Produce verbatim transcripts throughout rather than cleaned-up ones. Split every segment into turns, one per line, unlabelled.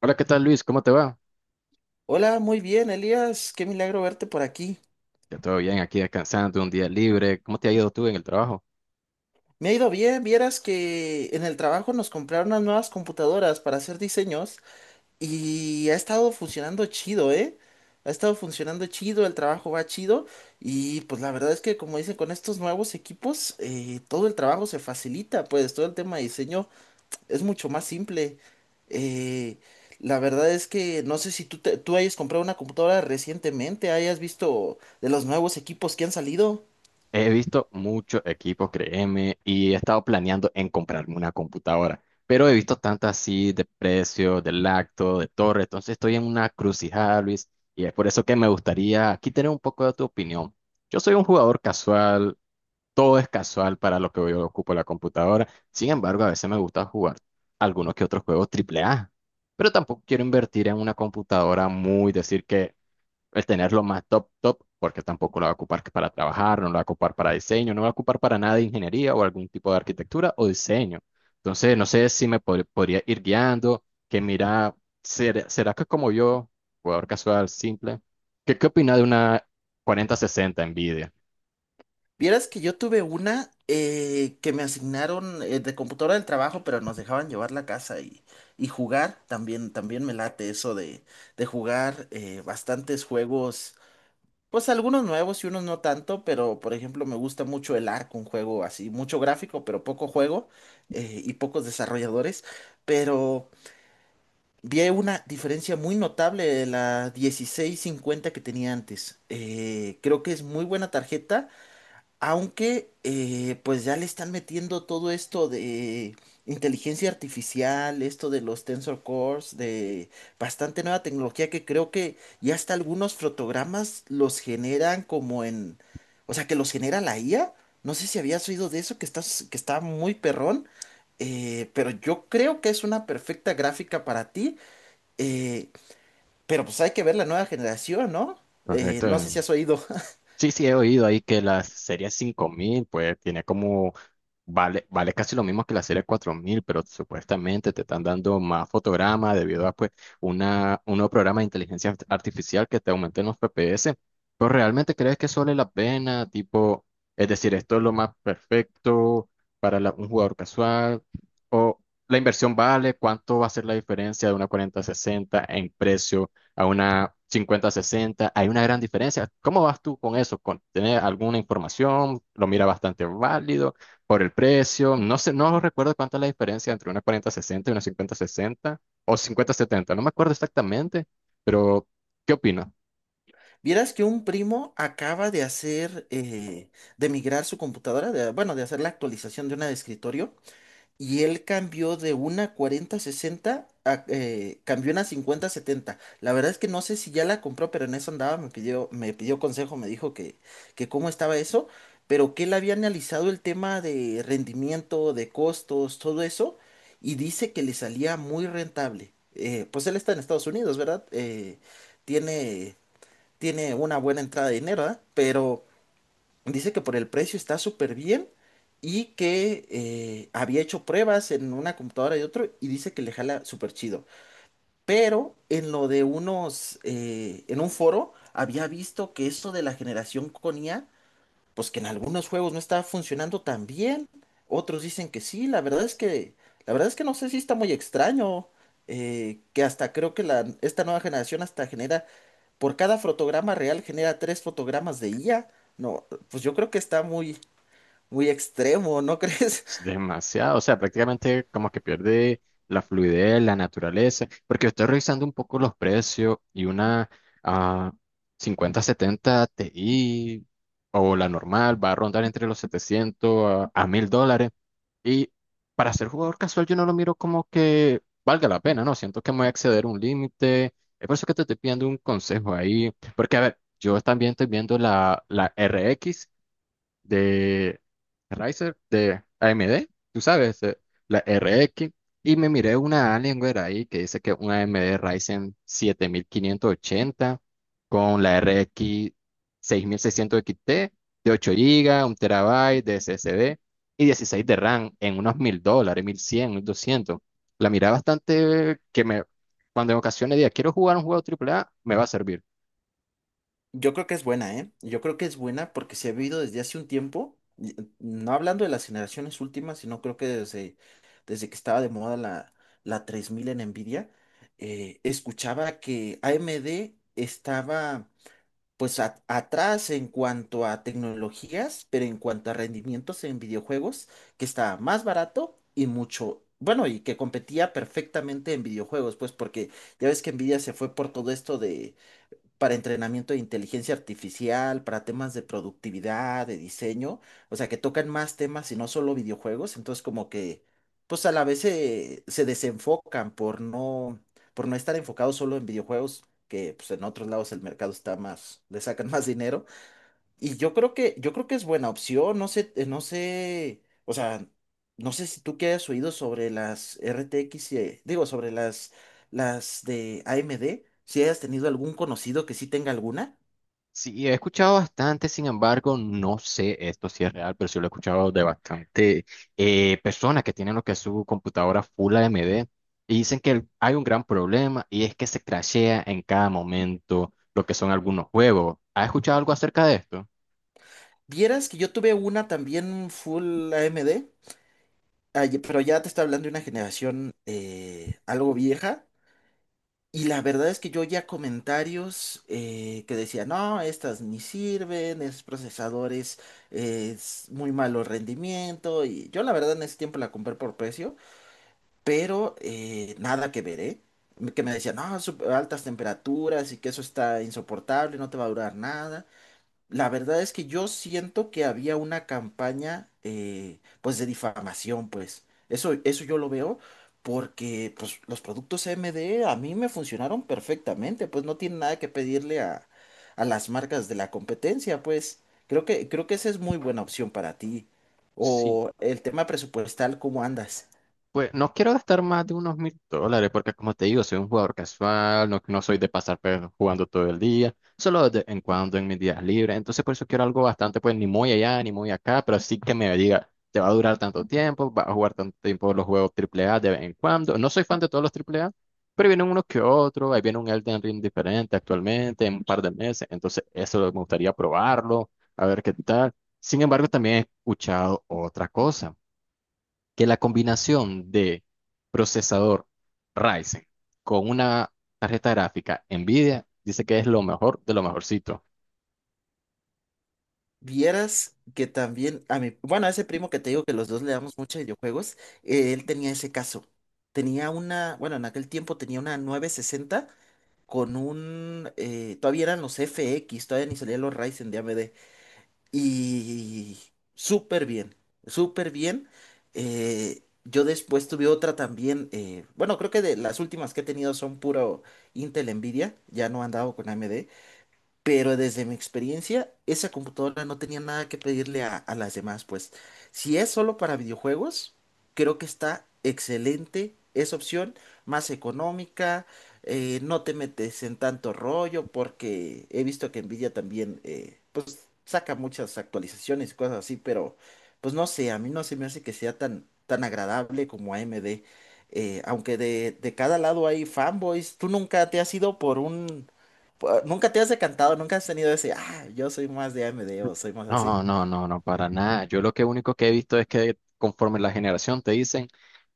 Hola, ¿qué tal Luis? ¿Cómo te va?
Hola, muy bien, Elías. Qué milagro verte por aquí.
Ya todo bien, aquí descansando, un día libre. ¿Cómo te ha ido tú en el trabajo?
Me ha ido bien, vieras que en el trabajo nos compraron unas nuevas computadoras para hacer diseños y ha estado funcionando chido, ¿eh? Ha estado funcionando chido, el trabajo va chido y pues la verdad es que como dicen, con estos nuevos equipos eh, todo el trabajo se facilita, pues todo el tema de diseño es mucho más simple. Eh, la verdad es que no sé si tú, te- tú hayas comprado una computadora recientemente, hayas visto de los nuevos equipos que han salido.
He visto muchos equipos, créeme, y he estado planeando en comprarme una computadora, pero he visto tantas así de precio, de lacto, de torre, entonces estoy en una crucijada, Luis, y es por eso que me gustaría aquí tener un poco de tu opinión. Yo soy un jugador casual, todo es casual para lo que yo ocupo la computadora, sin embargo, a veces me gusta jugar algunos que otros juegos triple a, pero tampoco quiero invertir en una computadora muy, decir que el tenerlo más top, top, porque tampoco lo va a ocupar que para trabajar, no lo va a ocupar para diseño, no lo va a ocupar para nada de ingeniería o algún tipo de arquitectura o diseño. Entonces, no sé si me pod- podría ir guiando, que mira, ¿será, será que como yo, jugador casual, simple, ¿qué, qué opina de una cuarenta sesenta Nvidia?
Vieras que yo tuve una eh, que me asignaron eh, de computadora del trabajo, pero nos dejaban llevar la casa y, y jugar. También, también me late eso de, de jugar eh, bastantes juegos, pues algunos nuevos y unos no tanto, pero por ejemplo me gusta mucho el Ark, un juego así, mucho gráfico, pero poco juego eh, y pocos desarrolladores. Pero vi una diferencia muy notable de la dieciséis cincuenta que tenía antes. Eh, creo que es muy buena tarjeta aunque, eh, pues ya le están metiendo todo esto de inteligencia artificial, esto de los Tensor Cores, de bastante nueva tecnología que creo que ya hasta algunos fotogramas los generan como en, o sea, que los genera la i a. No sé si habías oído de eso, que estás, que está muy perrón, eh, pero yo creo que es una perfecta gráfica para ti, eh, pero pues hay que ver la nueva generación, ¿no? Eh, no sé
Correcto.
si has oído.
Sí, sí, he oído ahí que la serie cinco mil, pues tiene como, vale, vale casi lo mismo que la serie cuatro mil, pero supuestamente te están dando más fotogramas debido a pues una, un nuevo programa de inteligencia art- artificial que te aumenten los F P S. Pero realmente crees que solo vale la pena, tipo, es decir, esto es lo más perfecto para la- un jugador casual, o la inversión vale, cuánto va a ser la diferencia de una cuarenta sesenta en precio a una cincuenta sesenta. Hay una gran diferencia. ¿Cómo vas tú con eso? ¿Con tener alguna información? ¿Lo mira bastante válido por el precio? No sé, no recuerdo cuánta es la diferencia entre una cuarenta sesenta y una cincuenta sesenta o cincuenta setenta. No me acuerdo exactamente, pero ¿qué opinas?
Vieras que un primo acaba de hacer, eh, de migrar su computadora, de- bueno, de hacer la actualización de una de escritorio, y él cambió de una cuarenta sesenta a, eh, cambió una cincuenta setenta. La verdad es que no sé si ya la compró, pero en eso andaba, me pidió, me pidió consejo, me dijo que, que cómo estaba eso, pero que él había analizado el tema de rendimiento, de costos, todo eso, y dice que le salía muy rentable. Eh, pues él está en Estados Unidos, ¿verdad? Eh, tiene tiene una buena entrada de dinero, ¿ah? Pero dice que por el precio está súper bien y que eh, había hecho pruebas en una computadora y otro y dice que le jala súper chido. Pero en lo de unos, eh, en un foro, había visto que eso de la generación con i a pues que en algunos juegos no está funcionando tan bien. Otros dicen que sí, la verdad es que, la verdad es que no sé si está muy extraño, eh, que hasta creo que la, esta nueva generación hasta genera, por cada fotograma real genera tres fotogramas de i a. No, pues yo creo que está muy, muy extremo, ¿no crees?
Es demasiado, o sea, prácticamente como que pierde la fluidez, la naturaleza, porque estoy revisando un poco los precios y una ah, cincuenta setenta Ti o la normal va a rondar entre los setecientos a, a mil dólares. Y para ser jugador casual yo no lo miro como que valga la pena, ¿no? Siento que me voy a exceder un límite. Es por eso que te estoy pidiendo un consejo ahí, porque a ver, yo también estoy viendo la, la R X de Riser de A M D, tú sabes, eh, la R X. Y me miré una Alienware ahí que dice que una A M D Ryzen siete mil quinientos ochenta con la R X seis mil seiscientos XT de ocho GB, un terabyte de SSD y dieciséis de RAM en unos mil dólares, mil cien, mil doscientos. La miré bastante que me, cuando en ocasiones diga, quiero jugar un juego triple a, me va a servir.
Yo creo que es buena, ¿eh? Yo creo que es buena porque se ha vivido desde hace un tiempo, y- no hablando de las generaciones últimas, sino creo que desde, desde que estaba de moda la, la tres mil en Nvidia, eh, escuchaba que A M D estaba pues a- atrás en cuanto a tecnologías, pero en cuanto a rendimientos en videojuegos, que estaba más barato y mucho, bueno, y que competía perfectamente en videojuegos, pues porque ya ves que Nvidia se fue por todo esto para entrenamiento de inteligencia artificial, para temas de productividad, de diseño, o sea, que tocan más temas y no solo videojuegos, entonces como que, pues a la vez se, se desenfocan por no, por no estar enfocados solo en videojuegos, que pues en otros lados el mercado está más, le sacan más dinero. Y yo creo que, yo creo que es buena opción, no sé, eh, no sé, o sea, no sé si tú que hayas oído sobre las R T X, eh, digo, sobre las, las de A M D, si hayas tenido algún conocido que sí tenga alguna.
Sí, he escuchado bastante, sin embargo, no sé esto si es real, pero sí lo he escuchado de bastante eh, personas que tienen lo que es su computadora full A M D y dicen que el- hay un gran problema y es que se crashea en cada momento lo que son algunos juegos. ¿Has escuchado algo acerca de esto?
Vieras que yo tuve una también full A M D, ah, ye- pero ya te está hablando de una generación eh, algo vieja. Y la verdad es que yo oía comentarios eh, que decían, no, estas ni sirven, esos procesadores eh, es muy malo rendimiento. Y yo la verdad en ese tiempo la compré por precio, pero eh, nada que ver, ¿eh? Que me decían, no, sup- altas temperaturas y que eso está insoportable, no te va a durar nada. La verdad es que yo siento que había una campaña, eh, pues, de difamación, pues. Eso, eso yo lo veo porque, pues, los productos M D a mí me funcionaron perfectamente, pues, no tiene nada que pedirle a, a las marcas de la competencia, pues. Creo que, creo que esa es muy buena opción para ti.
Sí.
O el tema presupuestal, ¿cómo andas?
Pues no quiero gastar más de unos mil dólares porque como te digo, soy un jugador casual, no, no soy de pasar pues, jugando todo el día, solo de vez en cuando en mis días libres. Entonces por eso quiero algo bastante, pues ni muy allá ni muy acá, pero sí que me diga, te va a durar tanto tiempo, vas a jugar tanto tiempo los juegos triple A de vez en cuando. No soy fan de todos los triple A pero vienen unos que otros, ahí viene un Elden Ring diferente actualmente en un par de meses, entonces eso me gustaría probarlo, a ver qué tal. Sin embargo, también he escuchado otra cosa que la combinación de procesador Ryzen con una tarjeta gráfica NVIDIA dice que es lo mejor de lo mejorcito.
Vieras que también a mi, bueno, a ese primo que te digo que los dos le damos mucho a videojuegos, eh, él tenía ese caso. Tenía una, bueno, en aquel tiempo tenía una nueve sesenta con un, eh, todavía eran los F X, todavía ni salían los Ryzen de A M D. Y súper bien, súper bien. Eh, yo después tuve otra también, eh, bueno, creo que de las últimas que he tenido son puro Intel Nvidia, ya no han dado con A M D. Pero desde mi experiencia, esa computadora no tenía nada que pedirle a, a las demás, pues. Si es solo para videojuegos, creo que está excelente esa opción, más económica, eh, no te metes en tanto rollo, porque he visto que Nvidia también, eh, pues, saca muchas actualizaciones y cosas así, pero, pues, no sé, a mí no se me hace que sea tan, tan agradable como A M D. Eh, aunque de, de cada lado hay fanboys, ¿tú nunca te has ido por un... Pu- ¿Nunca te has decantado? ¿Nunca has tenido ese, ah, yo soy más de A M D o soy más así?
No, no, no, no, para nada. Yo lo que único que he visto es que conforme la generación te dicen,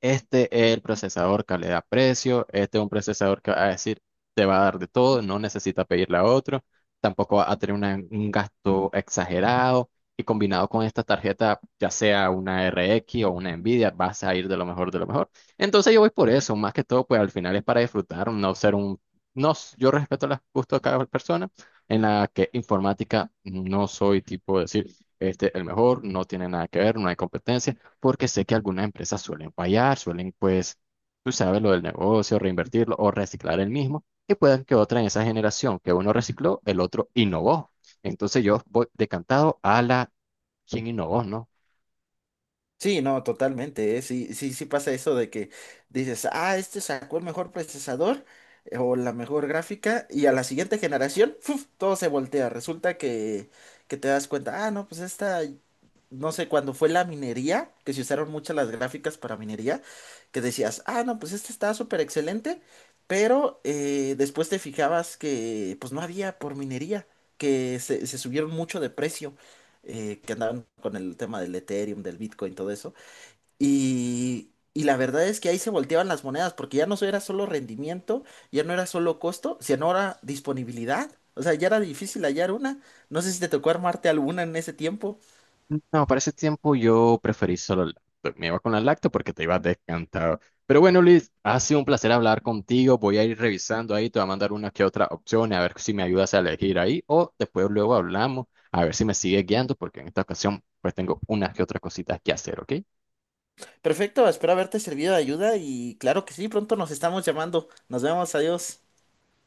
este es el procesador calidad-precio, este es un procesador que va a decir, te va a dar de todo, no necesita pedirle a otro, tampoco va a tener una- un gasto exagerado y combinado con esta tarjeta, ya sea una R X o una Nvidia, vas a ir de lo mejor de lo mejor. Entonces yo voy por eso, más que todo, pues al final es para disfrutar, no ser un... No, yo respeto los gustos de cada persona en la que informática no soy tipo de decir, este, el mejor, no tiene nada que ver, no hay competencia, porque sé que algunas empresas suelen fallar, suelen, pues, tú sabes, lo del negocio, reinvertirlo o reciclar el mismo, y pueden que otra en esa generación que uno recicló, el otro innovó. Entonces yo voy decantado a la quien innovó, ¿no?
Sí, no, totalmente, ¿eh? Sí, sí, sí pasa eso de que dices, ah, este sacó el mejor procesador eh, o la mejor gráfica y a la siguiente generación, ¡fuf! Todo se voltea. Resulta que, que te das cuenta, ah, no, pues esta no sé, cuando fue la minería, que se usaron muchas las gráficas para minería, que decías, ah, no, pues este está súper excelente, pero eh, después te fijabas que pues no había por minería, que se, se subieron mucho de precio, eh, que andaban con el tema del Ethereum, del Bitcoin, todo eso. Y, y la verdad es que ahí se volteaban las monedas, porque ya no era solo rendimiento, ya no era solo costo, sino era disponibilidad. O sea, ya era difícil hallar una. No sé si te tocó armarte alguna en ese tiempo.
No, para ese tiempo yo preferí solo el lacto. Me iba con la lacto porque te ibas descantado. Pero bueno, Luis, ha sido un placer hablar contigo. Voy a ir revisando ahí, te voy a mandar una que otra opción, a ver si me ayudas a elegir ahí. O después luego hablamos, a ver si me sigue guiando, porque en esta ocasión pues tengo unas que otras cositas que hacer, ¿ok?
Perfecto, espero haberte servido de ayuda y claro que sí, pronto nos estamos llamando. Nos vemos, adiós.